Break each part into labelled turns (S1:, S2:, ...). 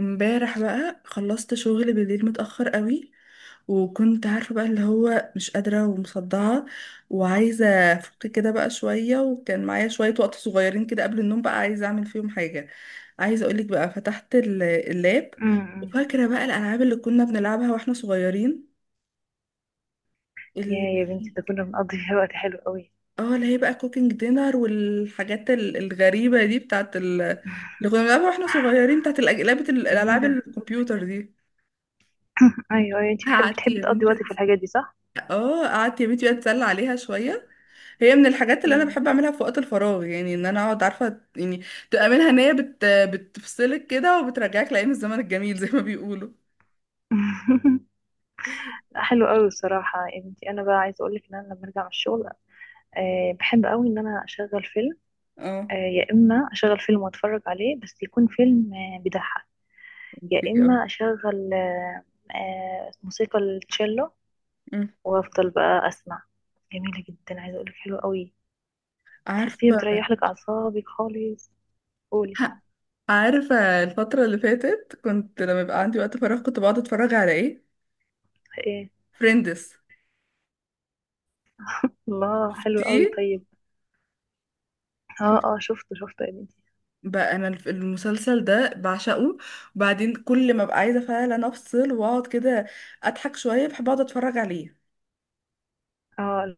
S1: امبارح بقى خلصت شغل بالليل متأخر قوي، وكنت عارفة بقى اللي هو مش قادرة ومصدعة وعايزة أفك كده بقى شوية. وكان معايا شوية وقت صغيرين كده قبل النوم، بقى عايزة أعمل فيهم حاجة. عايزة أقولك بقى فتحت اللاب،
S2: امم.
S1: وفاكرة بقى الألعاب اللي كنا بنلعبها واحنا صغيرين. ال...
S2: يا بنتي، ده كنا بنقضي فيها وقت حلو قوي.
S1: اه اللي هي بقى كوكينج دينر والحاجات الغريبة دي بتاعت اللي كنا بنلعبها واحنا صغيرين، بتاعت لعبة الألعاب
S2: جميلة.
S1: الكمبيوتر دي.
S2: ايوه ايوه، انت بتحبي
S1: قعدت
S2: بتحبي
S1: يا
S2: تقضي
S1: بنتي،
S2: وقتك في الحاجات دي، صح؟
S1: اه قعدت يا بنتي بقى اتسلى عليها شويه. هي من الحاجات اللي انا
S2: مم.
S1: بحب اعملها في وقت الفراغ، يعني ان انا اقعد عارفه يعني تبقى منها ان هي بتفصلك كده وبترجعك لايام الزمن الجميل زي ما بيقولوا.
S2: لا، حلو قوي بصراحة يا بنتي. انا بقى عايزة اقولك ان انا لما ارجع من الشغل بحب قوي ان انا اشغل فيلم.
S1: اه
S2: يا اما اشغل فيلم واتفرج عليه، بس يكون فيلم بيضحك. يا
S1: اه.
S2: اما اشغل أه أه موسيقى التشيلو،
S1: أمم.
S2: وافضل بقى اسمع. جميلة جدا، عايزة اقولك حلوة قوي، بتحسيها
S1: عارفه،
S2: بتريح لك اعصابك خالص. قولي.
S1: ه- عارفه الفتره اللي فاتت كنت لما يبقى
S2: مم.
S1: عندي وقت فراغ كنت بقعد اتفرج على ايه؟ فريندس.
S2: الله، حلو قوي.
S1: شفتيه؟
S2: طيب اه
S1: شفت-
S2: اه، شفته شفته يا بنتي.
S1: بقى انا المسلسل ده بعشقه. وبعدين كل ما ببقى عايزه فعلا افصل واقعد كده اضحك شويه بحب اقعد اتفرج عليه.
S2: اه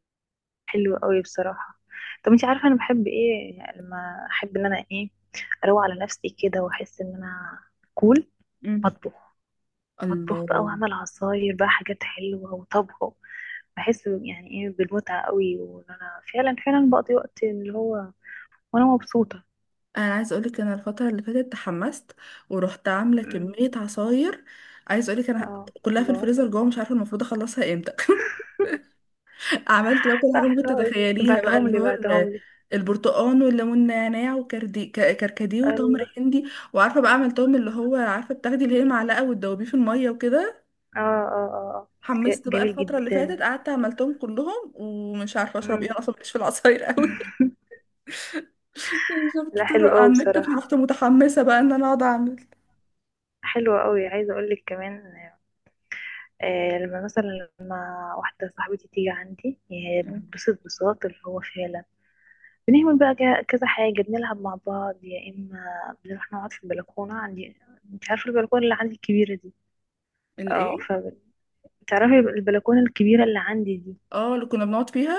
S2: حلو قوي بصراحة. طب انتي عارفة انا بحب ايه؟ يعني لما احب ان انا ايه، اروق على نفسي كده واحس ان انا كول. بطبخ. بطبخ بقى
S1: الله،
S2: واعمل عصاير بقى، حاجات حلوة وطبخه. بحس يعني ايه بالمتعة قوي، وان انا فعلا فعلا بقضي وقت اللي هو وانا مبسوطة.
S1: انا عايز اقولك انا الفتره اللي فاتت تحمست ورحت عامله
S2: أمم،
S1: كميه عصاير. عايز اقولك انا
S2: اه.
S1: كلها في
S2: الله.
S1: الفريزر جوه، مش عارفه المفروض اخلصها امتى. عملت بقى كل
S2: لا
S1: حاجه ممكن
S2: حلو قوي.
S1: تتخيليها بقى
S2: بعتهم
S1: اللي
S2: لي
S1: هو
S2: بعتهم لي.
S1: البرتقال والليمون نعناع وكردي، كركديه، وتمر
S2: الله.
S1: هندي. وعارفه بقى عملتهم اللي هو عارفه بتاخدي اللي هي معلقه وتدوبيه في الميه وكده.
S2: اه اه اه آه.
S1: حمست بقى
S2: جميل
S1: الفتره اللي
S2: جدا.
S1: فاتت قعدت عملتهم كلهم، ومش عارفه اشرب ايه، انا اصلا مش في العصاير قوي.
S2: لا
S1: شفت طرق
S2: حلو قوي
S1: على النت،
S2: بصراحة،
S1: فرحت متحمسه بقى ان انا اقعد اعمل.
S2: حلو قوي. عايزة اقول لك كمان لما واحدة صاحبتي تيجي عندي، يعني
S1: مم.
S2: بنبسط بساط اللي هو فعلا. بنعمل بقى كذا حاجة، بنلعب مع بعض، يا إما بنروح نقعد في البلكونة عندي. انت عارفة البلكونة اللي عندي الكبيرة دي؟ اه.
S1: الايه؟
S2: فبتعرفي البلكونة الكبيرة اللي عندي دي.
S1: اه اللي كنا بنقعد فيها.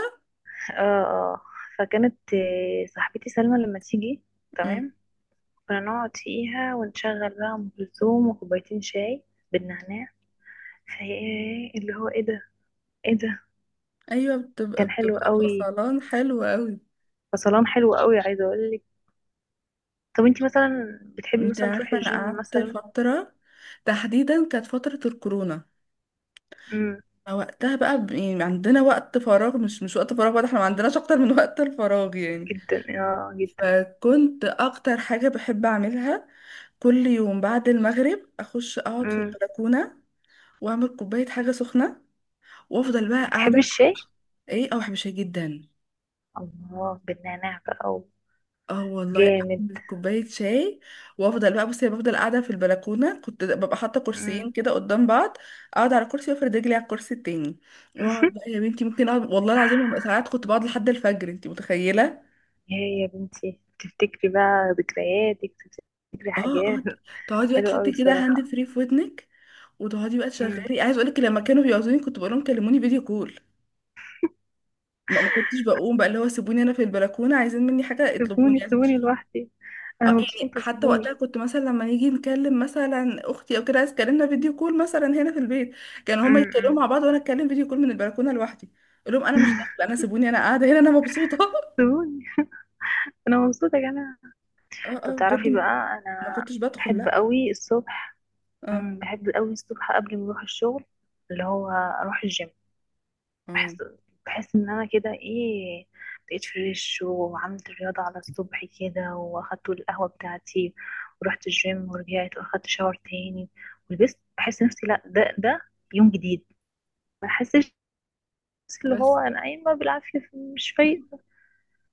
S2: اه اه. فكانت صاحبتي سلمى لما تيجي.
S1: مم.
S2: تمام. كنا نقعد فيها ونشغل بقى أم كلثوم وكوبايتين شاي بالنعناع. فايه اللي هو، ايه ده، ايه ده.
S1: ايوه، بتبقى
S2: كان حلو قوي.
S1: فصلان حلو قوي.
S2: فصلان حلو قوي، عايزه اقول لك. طب انتي مثلا بتحبي
S1: انت
S2: مثلا تروحي
S1: عارفه انا
S2: الجيم
S1: قعدت
S2: مثلا؟
S1: فتره، تحديدا كانت فتره الكورونا،
S2: امم.
S1: وقتها بقى يعني عندنا وقت فراغ، مش وقت فراغ بقى ده، احنا ما عندناش اكتر من وقت الفراغ يعني.
S2: جدا، اه، جدا.
S1: فكنت اكتر حاجه بحب اعملها كل يوم بعد المغرب اخش اقعد في
S2: امم.
S1: البلكونه واعمل كوبايه حاجه سخنه وافضل بقى
S2: بتحبي
S1: قاعده.
S2: الشاي؟
S1: ايه، او بشاي جدا.
S2: الله، بالنعناع بقى.
S1: اه والله،
S2: جامد.
S1: اعمل كوبايه شاي وافضل بقى، بصي، بفضل قاعده في البلكونه. كنت ببقى حاطه
S2: امم.
S1: كرسيين كده قدام بعض، اقعد على كرسي وافرد رجلي على الكرسي التاني. واقعد بقى يا بنتي ممكن اقعد والله العظيم ببقى ساعات، كنت بقعد لحد الفجر، انت متخيله؟
S2: يا بنتي، تفتكري بقى ذكرياتك، تفتكري
S1: اه اه.
S2: حاجات.
S1: تقعدي بقى
S2: حلوة
S1: تحطي
S2: قوي
S1: كده هاند
S2: بصراحة.
S1: فري في ودنك وتقعدي بقى
S2: امم.
S1: تشغلي. عايز اقول لك لما كانوا بيعوزوني كنت بقول لهم كلموني فيديو كول. ما كنتش بقوم بقى، اللي هو سيبوني انا في البلكونه، عايزين مني حاجه
S2: سيبوني،
S1: اطلبوني، عايزين
S2: سيبوني
S1: تشوفوني.
S2: لوحدي. انا
S1: يعني
S2: مبسوطة،
S1: حتى
S2: سيبوني.
S1: وقتها كنت مثلا لما نيجي نكلم مثلا اختي او كده، عايز تكلمنا فيديو كول مثلا هنا في البيت، كانوا هما
S2: امم.
S1: يتكلموا
S2: أمم.
S1: مع بعض وانا اتكلم فيديو كول من البلكونه لوحدي. اقول لهم انا مش داخله، انا سيبوني، انا قاعده هنا، انا مبسوطه.
S2: سيبوني، انا مبسوطة يا جماعة.
S1: اه
S2: طب
S1: اه بجد
S2: تعرفي بقى،
S1: ما
S2: انا
S1: كنتش بدخل
S2: بحب
S1: لا.
S2: قوي الصبح.
S1: اه.
S2: بحب قوي الصبح قبل ما اروح الشغل، اللي هو اروح الجيم. بحس
S1: مم.
S2: بحس ان انا كده ايه، بقيت فريش وعملت رياضة على الصبح كده، واخدت القهوة بتاعتي ورحت الجيم ورجعت واخدت شاور تاني ولبست. بحس نفسي لا، ده يوم جديد، ما بحسش اللي
S1: بس
S2: هو انا قايمة بالعافية مش فايقة.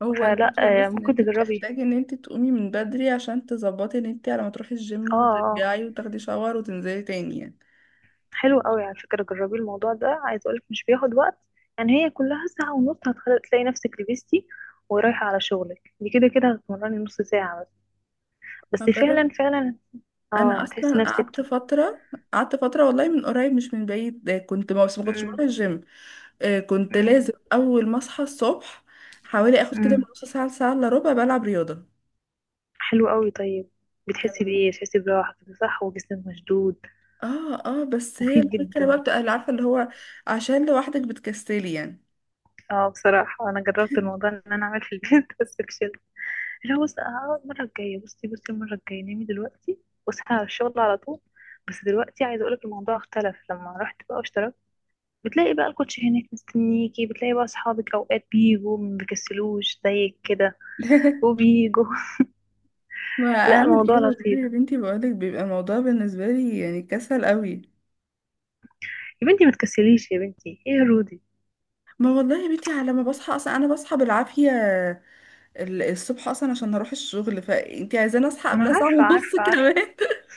S1: هو
S2: فلا
S1: الفكره بس ان
S2: ممكن
S1: انت
S2: تجربي.
S1: بتحتاجي ان انت تقومي من بدري عشان تظبطي ان انت على ما تروحي
S2: اه
S1: الجيم
S2: آه.
S1: وترجعي وتاخدي شاور وتنزلي تاني يعني.
S2: حلو قوي على فكرة، جربي الموضوع ده، عايز اقولك مش بياخد وقت. يعني هي كلها ساعة ونص، هتخلي تلاقي نفسك لبستي ورايحة على شغلك، دي كده كده هتمرني نص ساعة بس. بس
S1: هجرب.
S2: فعلا فعلا، اه
S1: انا
S2: هتحسي
S1: اصلا
S2: نفسك.
S1: قعدت فتره، قعدت فتره والله من قريب مش من بعيد، آه، كنت ما بس ما كنتش بروح
S2: مم.
S1: الجيم. آه، كنت
S2: مم.
S1: لازم اول ما اصحى الصبح حوالي اخد كده من
S2: مم.
S1: نص ساعه لساعه الا ربع بلعب رياضه.
S2: حلو قوي. طيب بتحسي
S1: كان،
S2: بإيه؟ بتحسي براحة كده، صح؟ وجسمك مشدود.
S1: اه اه، بس هي
S2: مفيد
S1: الفكره بقى
S2: جدا.
S1: بتبقى اللي عارفه اللي هو عشان لوحدك بتكسلي يعني.
S2: اه، بصراحة انا جربت الموضوع ان انا اعمل في البيت بس فشلت. لا بص، هقعد المرة الجاية. بصي بصي، المرة الجاية نامي دلوقتي واصحي على الشغل على طول. بس دلوقتي عايزة اقولك الموضوع اختلف لما رحت بقى واشتركت. بتلاقي بقى الكوتش هناك مستنيكي، بتلاقي بقى اصحابك، اوقات بيجوا ما بيكسلوش زيك كده وبيجوا.
S1: ما
S2: لا
S1: اعمل ايه
S2: الموضوع
S1: والله يا
S2: لطيف
S1: بنتي، بقولك بيبقى الموضوع بالنسبه لي يعني كسل قوي.
S2: يا بنتي، ما تكسليش يا بنتي، ايه يا رودي.
S1: ما والله يا بنتي على ما بصحى اصلا انا بصحى بالعافيه الصبح اصلا عشان اروح الشغل، فانتي عايزاني اصحى
S2: انا
S1: قبلها ساعه
S2: عارفة
S1: ونص
S2: عارفة عارفة.
S1: كمان؟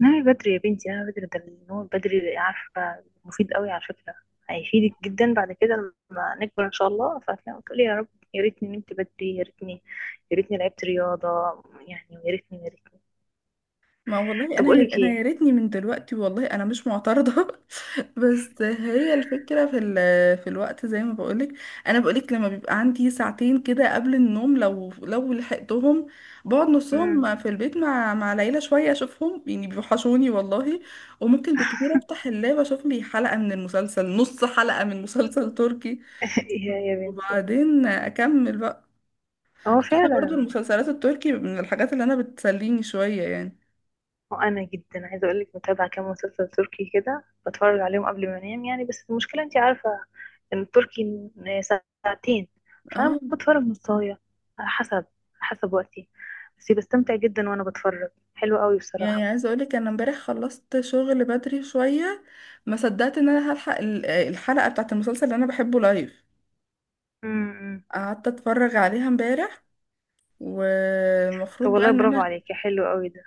S2: نامي بدري يا بنتي، نامي بدري، ده النوم بدري عارفة مفيد قوي على فكرة. هيفيدك جدا بعد كده، لما نكبر ان شاء الله. فهتلاقي وتقولي يا رب يا ريتني نمت بدري، يا ريتني يا ريتني لعبت رياضة. يعني يا ريتني يا ريتني.
S1: ما والله
S2: طب
S1: انا
S2: اقول لك
S1: انا يا
S2: ايه.
S1: ريتني من دلوقتي، والله انا مش معترضه. بس هي الفكره في في الوقت زي ما بقولك. انا بقولك لما بيبقى عندي ساعتين كده قبل النوم، لو لحقتهم بقعد
S2: امم.
S1: نصهم في البيت مع العيله شويه اشوفهم يعني، بيوحشوني والله. وممكن بالكتير افتح اللاب اشوف لي حلقه من المسلسل، نص حلقه من مسلسل تركي،
S2: يا بنتي،
S1: وبعدين اكمل بقى.
S2: هو
S1: انا برضو
S2: فعلا.
S1: المسلسلات التركي من الحاجات اللي انا بتسليني شوية يعني.
S2: وانا جدا عايزه اقول لك، متابعه كام مسلسل تركي كده، بتفرج عليهم قبل ما انام يعني. بس المشكله انت عارفه ان التركي ساعتين،
S1: اه.
S2: فانا بتفرج نصايه، على حسب وقتي. بس بستمتع جدا وانا بتفرج، حلو قوي بصراحه.
S1: يعني عايزة اقولك انا امبارح خلصت شغل بدري شوية، ما صدقت ان انا هلحق الحلقة بتاعت المسلسل اللي انا بحبه لايف.
S2: امم.
S1: قعدت اتفرج عليها امبارح، والمفروض
S2: طب
S1: بقى
S2: والله
S1: ان
S2: برافو
S1: انا.
S2: عليكي، حلو قوي ده.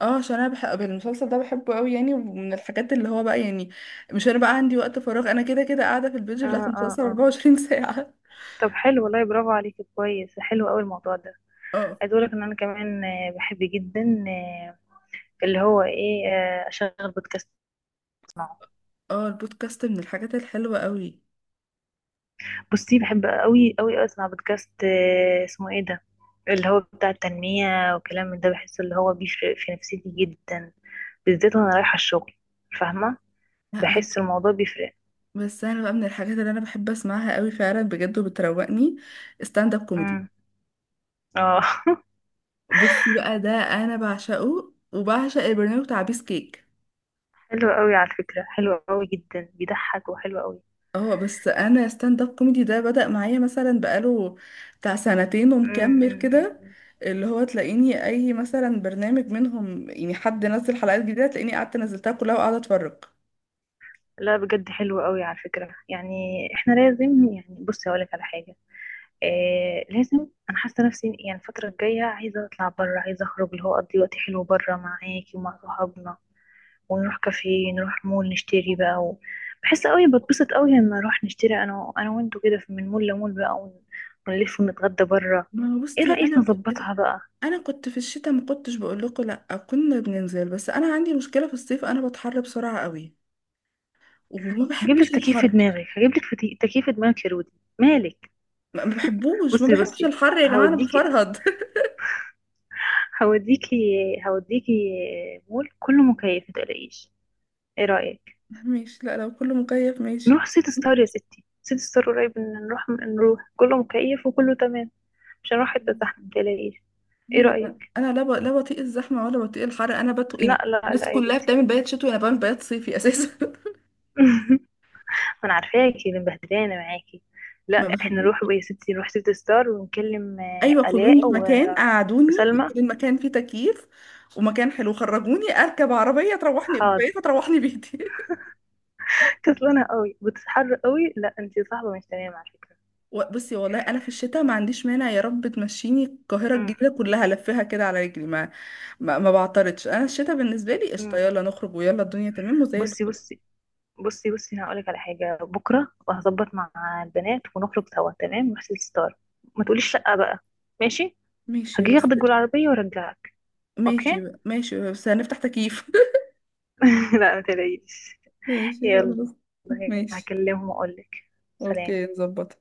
S1: اه، عشان انا بحب المسلسل ده بحبه قوي يعني، ومن الحاجات اللي هو بقى يعني مش انا بقى عندي وقت فراغ، انا كده كده قاعدة في البيج بتاعت
S2: اه اه
S1: المسلسل
S2: اه.
S1: 24 ساعة.
S2: طب حلو، والله برافو عليكي، كويس، حلو قوي الموضوع ده.
S1: اه
S2: عايزه اقول لك ان انا كمان بحب جدا اللي هو ايه، اشغل بودكاست.
S1: اه. البودكاست من الحاجات الحلوة قوي.
S2: بصي، بحب قوي قوي اسمع بودكاست اسمه ايه ده، اللي هو بتاع التنمية وكلام من ده، بحس اللي هو بيفرق في نفسيتي جدا، بالذات وانا رايحة الشغل. فاهمة؟ بحس الموضوع بيفرق.
S1: بس انا بقى من الحاجات اللي انا بحب اسمعها قوي فعلا بجد وبتروقني ستاند اب كوميدي.
S2: امم. اه.
S1: بصي بقى ده انا بعشقه، وبعشق البرنامج بتاع بيس كيك.
S2: حلو قوي على فكرة، حلو قوي جدا، بيضحك وحلو قوي.
S1: اه، بس انا ستاند اب كوميدي ده بدأ معايا مثلا بقاله بتاع سنتين ومكمل كده،
S2: امم.
S1: اللي هو تلاقيني اي مثلا برنامج منهم يعني حد نزل حلقات جديده تلاقيني قعدت نزلتها كلها وقاعده اتفرج.
S2: لا بجد حلو قوي على فكرة يعني. احنا لازم يعني، بصي هقولك على حاجة. لازم. انا حاسه نفسي يعني الفتره الجايه عايزه اطلع بره، عايزه اخرج اللي هو اقضي وقت حلو بره معاكي ومع صحابنا، ونروح كافيه، نروح مول، نشتري بقى بحس قوي بتبسط قوي لما اروح نشتري انا وانتوا كده، من مول لمول بقى، ونلف ونتغدى بره.
S1: ما هو
S2: ايه
S1: بصي
S2: رايك
S1: انا كنت في،
S2: نظبطها بقى؟
S1: انا كنت في الشتاء ما كنتش بقول لكم لا كنا بننزل، بس انا عندي مشكله في الصيف انا بتحر بسرعه قوي وما
S2: هجيب لك
S1: بحبش
S2: تكييف في
S1: الحر.
S2: دماغك، هجيب لك تكييف في دماغك يا رودي. مالك؟
S1: ما بحبوش، ما
S2: بصي
S1: بحبش
S2: بصي،
S1: الحر يا جماعة انا
S2: هوديكي.
S1: بفرهد.
S2: هوديكي. هوديكي. مول كله مكيف، متقلقيش. ايه رايك؟
S1: ماشي، لا لو كله مكيف ماشي.
S2: نروح سيتي ستار. يا ستي، سيتي ستار قريب، إن نروح كله مكيف وكله تمام، مش هنروح حتة زحمة، متقلقيش. ايه
S1: ايوه انا،
S2: رأيك؟
S1: لا لا بطيق الزحمة ولا بطيق الحر، انا بطيق
S2: لا
S1: يعني.
S2: لا
S1: الناس
S2: لا يا
S1: كلها
S2: بنتي.
S1: بتعمل بيات شتوي انا بعمل بيات صيفي اساسا.
S2: ما انا عارفاكي اللي مبهدلانة معاكي. لا
S1: ما
S2: احنا نروح
S1: بحبوش.
S2: بقى يا ستي، نروح سيتي ستار، ونكلم
S1: ايوه
S2: آلاء
S1: خدوني في مكان، قعدوني
S2: وسلمى.
S1: يكون المكان فيه تكييف ومكان حلو، خرجوني اركب عربية تروحني
S2: حاضر.
S1: بيت تروحني بيتي.
S2: كسلانة قوي، بتتحر قوي، لا انتي صاحبة مش تمام على فكرة.
S1: بصي والله انا في الشتاء ما عنديش مانع يا رب تمشيني القاهره
S2: أمم،
S1: الجديده كلها لفها كده على رجلي، ما بعترضش، انا الشتاء بالنسبه لي قشطه،
S2: أمم.
S1: يلا نخرج ويلا الدنيا تمام وزي
S2: بصي
S1: الفل.
S2: بصي. بصي بصي، انا هقولك على حاجه، بكره وهظبط مع البنات ونخرج سوا، تمام؟ نروح سيتي ستار. ما تقوليش شقه بقى. ماشي.
S1: ماشي
S2: هجي
S1: بس.
S2: اخدك بالعربيه وارجعك.
S1: ماشي.
S2: اوكي.
S1: ماشي بس هنفتح تكييف.
S2: لا ما تلاقيش.
S1: ماشي
S2: يلا.
S1: خلاص. ماشي.
S2: هكلمهم واقولك. سلام.
S1: اوكي نظبط.